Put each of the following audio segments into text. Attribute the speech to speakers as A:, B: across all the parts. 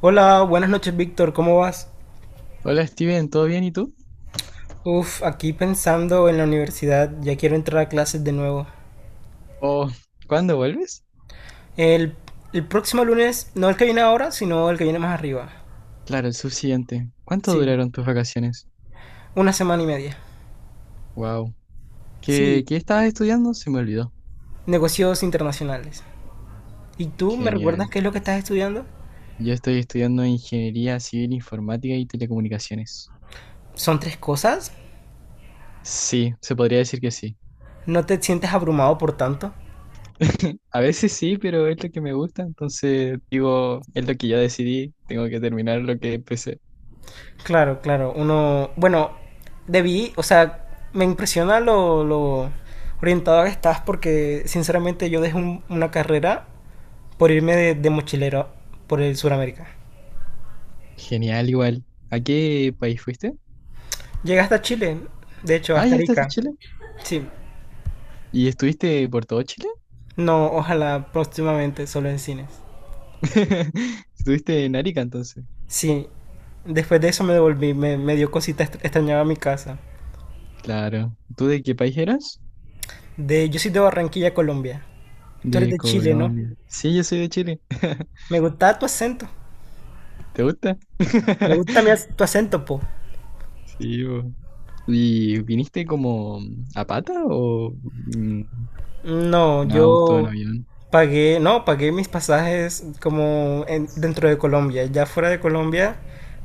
A: Hola, buenas noches Víctor, ¿cómo vas?
B: Hola Steven, ¿todo bien y tú?
A: Uf, aquí pensando en la universidad, ya quiero entrar a clases de nuevo.
B: ¿O cuándo vuelves?
A: El, el próximo lunes, no el que viene ahora, sino el que viene más arriba.
B: Claro, el subsiguiente. ¿Cuánto
A: Sí,
B: duraron tus vacaciones?
A: una semana y media.
B: Wow. ¿Qué,
A: Sí,
B: qué estabas estudiando? Se me olvidó.
A: negocios internacionales. ¿Y tú me recuerdas
B: Genial.
A: qué es lo que estás estudiando?
B: Yo estoy estudiando Ingeniería Civil Informática y Telecomunicaciones.
A: ¿Son tres cosas?
B: Sí, se podría decir que sí.
A: ¿No te sientes abrumado por tanto?
B: A veces sí, pero es lo que me gusta, entonces digo, es lo que ya decidí, tengo que terminar lo que empecé.
A: Claro, claro, Bueno, debí, o sea, me impresiona lo orientado que estás porque sinceramente yo dejé una carrera por irme de mochilero por el Suramérica.
B: Genial, igual. ¿A qué país fuiste?
A: Llegué hasta Chile, de hecho,
B: Ah,
A: hasta
B: ya estás en
A: Arica.
B: Chile.
A: Sí,
B: ¿Y estuviste por todo Chile?
A: no, ojalá próximamente, solo en cines.
B: Estuviste en Arica entonces.
A: Sí, después de eso me devolví, me dio cosita, extrañaba mi casa.
B: Claro. ¿Tú de qué país eras?
A: Yo soy de Barranquilla, Colombia. Tú eres
B: De
A: de Chile, ¿no?
B: Colombia. Sí, yo soy de Chile.
A: Me gustaba tu acento.
B: ¿Te gusta?
A: Me gusta tu acento, po.
B: Sí, po. ¿Y viniste como a pata o mm,
A: No,
B: en auto, en
A: yo
B: avión?
A: pagué, no, pagué mis pasajes como dentro de Colombia. Ya fuera de Colombia,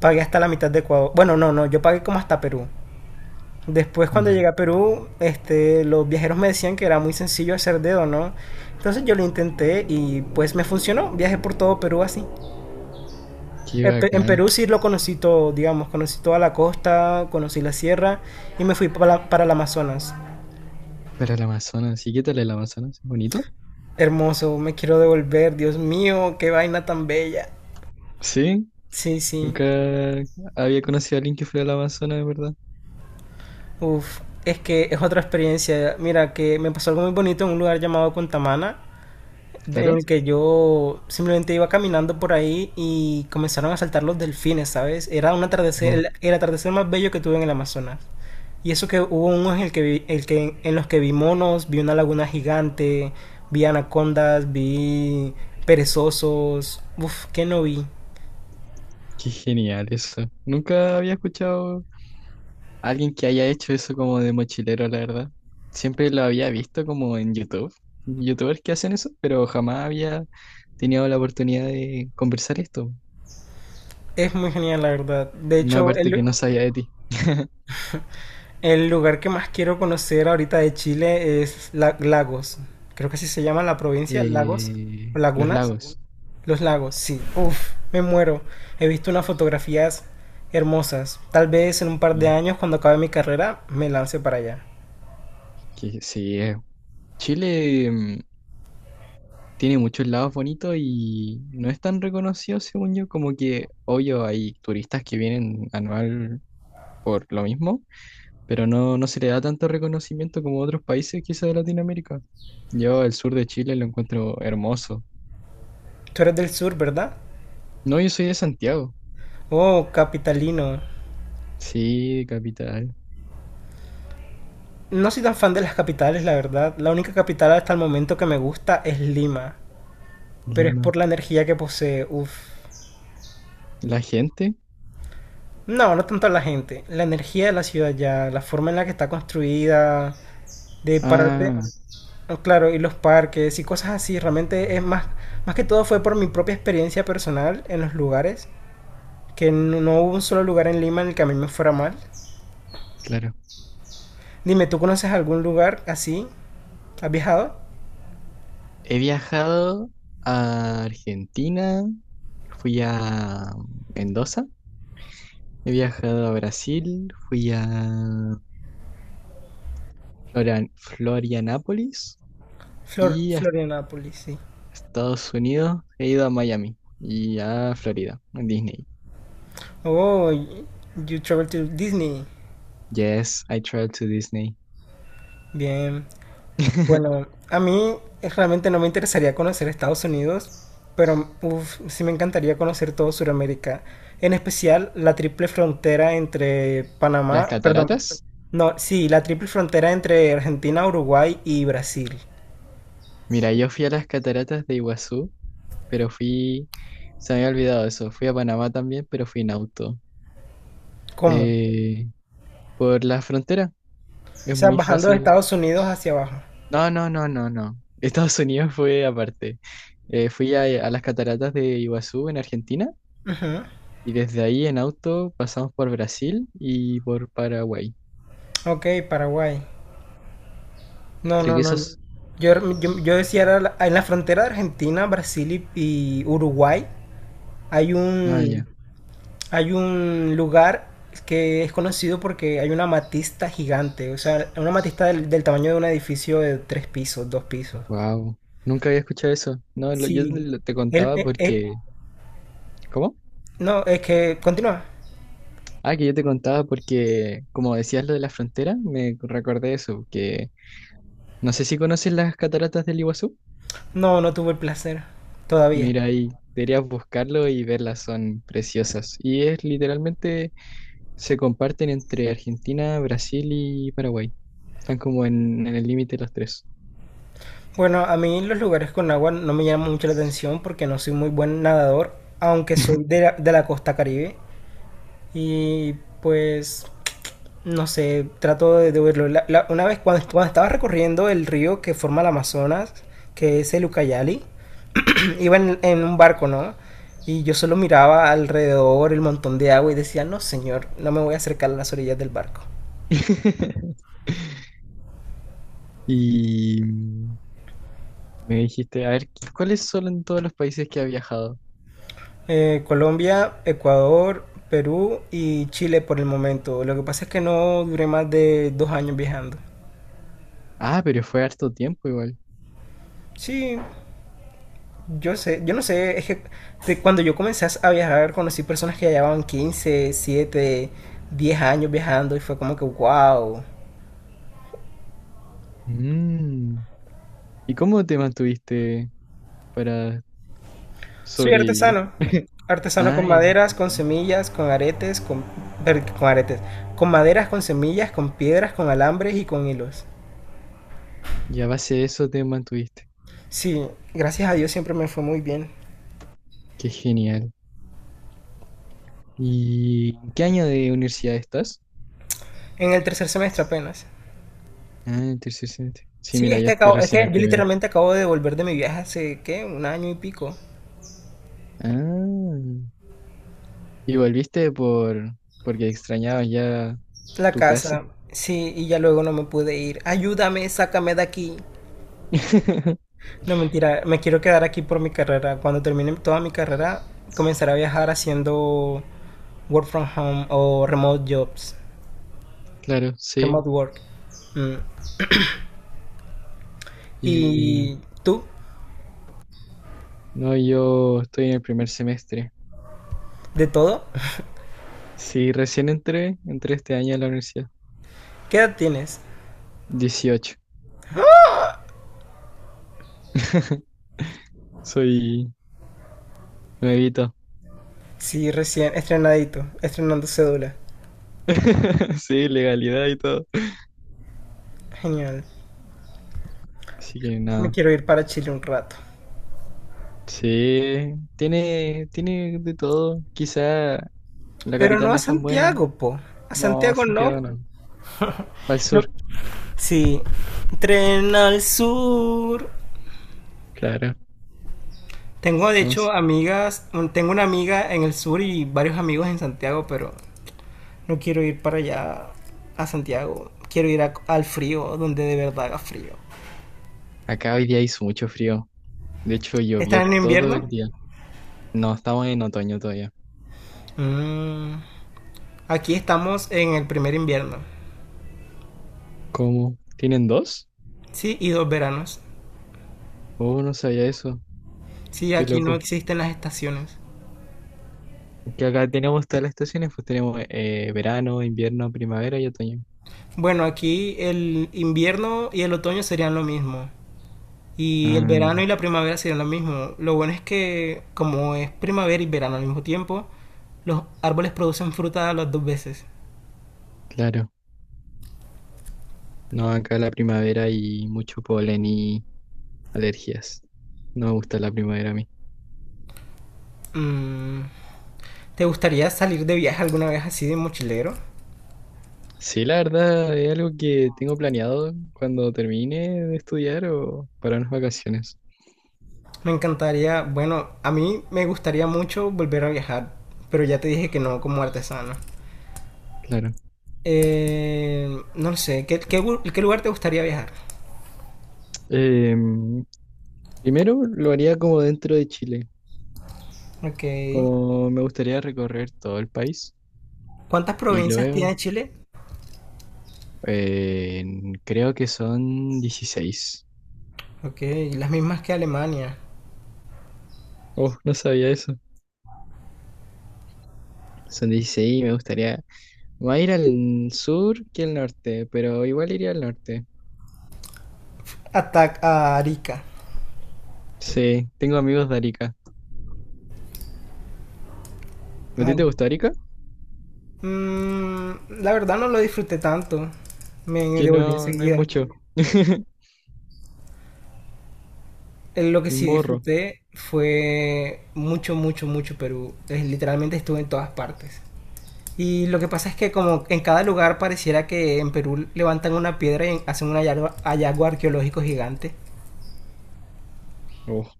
A: pagué hasta la mitad de Ecuador. Bueno, no, no, yo pagué como hasta Perú. Después cuando
B: Ya.
A: llegué a Perú, los viajeros me decían que era muy sencillo hacer dedo, ¿no? Entonces yo lo intenté y pues me funcionó. Viajé por todo Perú así.
B: Qué
A: En en
B: bacán.
A: Perú sí lo conocí todo, digamos, conocí toda la costa, conocí la sierra y me fui para el Amazonas.
B: Para el Amazonas. ¿Y qué tal el Amazonas? ¿Es bonito?
A: Hermoso, me quiero devolver, Dios mío, qué vaina tan bella.
B: Sí.
A: Sí, sí.
B: Nunca había conocido a alguien que fuera al Amazonas, de verdad.
A: Uf, es que es otra experiencia. Mira, que me pasó algo muy bonito en un lugar llamado Contamana, en
B: Claro.
A: el que yo simplemente iba caminando por ahí y comenzaron a saltar los delfines, ¿sabes? Era un atardecer,
B: Oh,
A: el atardecer más bello que tuve en el Amazonas. Y eso que hubo unos en los que vi monos, vi una laguna gigante, vi anacondas, vi perezosos, uf, que no vi.
B: qué genial eso. Nunca había escuchado alguien que haya hecho eso como de mochilero, la verdad. Siempre lo había visto como en YouTube. YouTubers que hacen eso, pero jamás había tenido la oportunidad de conversar esto.
A: Es muy genial, la verdad. De
B: Una
A: hecho,
B: parte que no sabía de ti.
A: el lugar que más quiero conocer ahorita de Chile es Lagos. Creo que así se llama la provincia, Lagos o
B: Los
A: Lagunas.
B: lagos.
A: Los lagos, sí. Uf, me muero. He visto unas fotografías hermosas. Tal vez en un par de
B: Y
A: años, cuando acabe mi carrera, me lance para allá.
B: que sí, Chile tiene muchos lagos bonitos y no es tan reconocido, según yo, como que, obvio, hay turistas que vienen anual por lo mismo, pero no se le da tanto reconocimiento como otros países quizá de Latinoamérica. Yo el sur de Chile lo encuentro hermoso.
A: Tú eres del sur, ¿verdad?
B: No, yo soy de Santiago.
A: Oh, capitalino.
B: Sí, capital.
A: No soy tan fan de las capitales, la verdad. La única capital hasta el momento que me gusta es Lima. Pero es
B: Lima.
A: por la energía que posee. Uf.
B: La gente.
A: No, no tanto a la gente. La energía de la ciudad ya, la forma en la que está construida, de pararte.
B: Ah,
A: Oh, claro, y los parques y cosas así, realmente es más que todo fue por mi propia experiencia personal en los lugares, que no, no hubo un solo lugar en Lima en el que a mí me fuera mal.
B: claro.
A: Dime, ¿tú conoces algún lugar así? ¿Has viajado?
B: He viajado a Argentina, fui a Mendoza, he viajado a Brasil, fui a Florianápolis y a
A: Florianápolis, sí.
B: Estados Unidos, he ido a Miami y a Florida, a Disney.
A: Oh, y- you travel to Disney.
B: Yes, I traveled to Disney.
A: Bien. Bueno, a mí realmente no me interesaría conocer Estados Unidos, pero uf, sí me encantaría conocer todo Sudamérica, en especial la triple frontera entre
B: Las
A: Panamá, perdón,
B: cataratas.
A: no, sí, la triple frontera entre Argentina, Uruguay y Brasil.
B: Mira, yo fui a las cataratas de Iguazú, pero se me había olvidado eso. Fui a Panamá también, pero fui en auto.
A: ¿Cómo? O
B: Eh, por la frontera, es
A: sea,
B: muy
A: bajando de
B: fácil.
A: Estados Unidos hacia abajo.
B: No, no, no, no, no. Estados Unidos fue aparte. Fui a las cataratas de Iguazú en Argentina
A: Ujú.
B: y desde ahí en auto pasamos por Brasil y por Paraguay.
A: Ok, Paraguay. No,
B: Creo
A: no,
B: que
A: no.
B: esos.
A: Yo, yo decía, en la frontera de Argentina, Brasil y Uruguay hay
B: Ah,
A: un...
B: ya.
A: hay un lugar que es conocido porque hay una amatista gigante, o sea, una amatista del tamaño de un edificio de tres pisos, dos pisos.
B: Wow. Nunca había escuchado eso. No,
A: Sí.
B: te
A: Él,
B: contaba
A: eh, eh,
B: porque ¿cómo?
A: no, es que continúa.
B: Ah, que yo te contaba porque, como decías lo de la frontera, me recordé eso, que no sé si conoces las cataratas del Iguazú.
A: No, no tuve el placer todavía.
B: Mira ahí, deberías buscarlo y verlas, son preciosas. Y es literalmente, se comparten entre Argentina, Brasil y Paraguay. Están como en el límite los tres.
A: Bueno, a mí los lugares con agua no me llaman mucho la atención porque no soy muy buen nadador, aunque soy de la costa Caribe. Y pues no sé, trato de verlo. Una vez cuando estaba recorriendo el río que forma el Amazonas, que es el Ucayali, iba en un barco, ¿no? Y yo solo miraba alrededor el montón de agua y decía, no señor, no me voy a acercar a las orillas del barco.
B: Y me dijiste, a ver, ¿cuáles son en todos los países que ha viajado?
A: Colombia, Ecuador, Perú y Chile por el momento. Lo que pasa es que no duré más de 2 años viajando.
B: Ah, pero fue harto tiempo igual.
A: Sí, yo sé, yo no sé, es que de cuando yo comencé a viajar conocí personas que ya llevaban 15 7 10 años viajando y fue como que, wow,
B: Mm. ¿Y cómo te mantuviste para
A: soy
B: sobrevivir?
A: artesano. Artesano con
B: Ay,
A: maderas, con
B: artesano.
A: semillas, con aretes, con aretes, con maderas, con semillas, con piedras, con alambres y con hilos.
B: Y a base de eso te mantuviste.
A: Sí, gracias a Dios siempre me fue muy bien.
B: Qué genial. ¿Y en qué año de universidad estás?
A: En el tercer semestre apenas.
B: Ah, en tercer semestre. Sí,
A: Sí,
B: mira,
A: es
B: ya
A: que,
B: estoy
A: acabo, es
B: recién
A: que
B: en el
A: yo
B: primero.
A: literalmente acabo de volver de mi viaje hace, ¿qué? Un año y pico.
B: Ah, y volviste porque extrañabas ya
A: La
B: tu casa.
A: casa, sí, y ya luego no me pude ir. Ayúdame, sácame de aquí. No, mentira, me quiero quedar aquí por mi carrera. Cuando termine toda mi carrera, comenzaré a viajar haciendo work from home o remote jobs,
B: Claro, sí.
A: remote work. Mm.
B: Y
A: ¿Y tú?
B: no, yo estoy en el primer semestre.
A: ¿De todo?
B: Sí, recién entré este año a la universidad.
A: ¿Qué edad tienes?
B: 18. Soy nuevito.
A: Sí, recién estrenadito, estrenando cédula.
B: Sí, legalidad y todo.
A: Genial.
B: Así que
A: Me
B: nada.
A: quiero ir para Chile un rato.
B: Sí, tiene de todo. Quizá la
A: Pero
B: capital
A: no
B: no
A: a
B: es tan buena.
A: Santiago, po. A
B: No,
A: Santiago
B: Santiago
A: no.
B: no. Al
A: No,
B: sur,
A: sí, tren al sur.
B: claro.
A: Tengo de
B: No, sí.
A: hecho amigas, tengo una amiga en el sur y varios amigos en Santiago, pero no quiero ir para allá a Santiago. Quiero ir al frío, donde de verdad haga frío.
B: Acá hoy día hizo mucho frío. De hecho, llovió
A: ¿Están en
B: todo
A: invierno?
B: el día. No, estamos en otoño todavía.
A: Mm, aquí estamos en el primer invierno.
B: ¿Cómo? ¿Tienen dos?
A: Sí, y dos veranos.
B: Oh, no sabía eso.
A: Sí,
B: Qué
A: aquí
B: loco.
A: no existen las estaciones.
B: Es que acá tenemos todas las estaciones, pues tenemos verano, invierno, primavera y otoño.
A: Bueno, aquí el invierno y el otoño serían lo mismo. Y el
B: Ah,
A: verano y
B: ya,
A: la primavera serían lo mismo. Lo bueno es que como es primavera y verano al mismo tiempo, los árboles producen fruta las dos veces.
B: claro. No, acá la primavera y mucho polen y alergias. No me gusta la primavera a mí.
A: Mm, ¿Te gustaría salir de viaje alguna vez así de mochilero?
B: Sí, la verdad, es algo que tengo planeado cuando termine de estudiar o para unas vacaciones.
A: Me encantaría, bueno, a mí me gustaría mucho volver a viajar, pero ya te dije que no como artesano.
B: Claro.
A: Eh, no lo sé, ¿qué lugar te gustaría viajar?
B: Em, primero lo haría como dentro de Chile,
A: Ok.
B: como me gustaría recorrer todo el país.
A: ¿Cuántas
B: Y
A: provincias
B: luego,
A: tiene Chile?
B: creo que son 16.
A: Ok, las mismas que Alemania.
B: Oh, no sabía eso. Son dieciséis. Y me gustaría más ir al sur que al norte, pero igual iría al norte.
A: Atac a Arica.
B: Sí, tengo amigos de Arica. ¿A ti
A: Ah,
B: te gusta Arica?
A: Mm, la verdad no lo disfruté tanto. Me
B: Que
A: devolví
B: no, no hay
A: enseguida.
B: mucho.
A: Lo que
B: El
A: sí
B: morro.
A: disfruté fue mucho, mucho, mucho Perú. Literalmente estuve en todas partes. Y lo que pasa es que como en cada lugar pareciera que en Perú levantan una piedra y hacen un hallazgo, hallazgo arqueológico gigante.
B: Oh,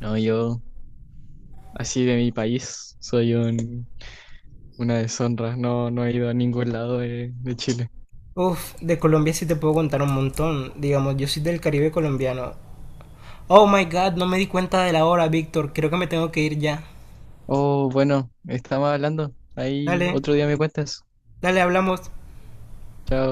B: no, yo, así de mi país, soy una deshonra. No, no he ido a ningún lado de Chile.
A: Uf, de Colombia sí te puedo contar un montón. Digamos, yo soy del Caribe colombiano. Oh my God, no me di cuenta de la hora, Víctor. Creo que me tengo que ir ya.
B: Oh, bueno, estamos hablando. Ahí
A: Dale,
B: otro día me cuentas.
A: dale, hablamos.
B: Chao.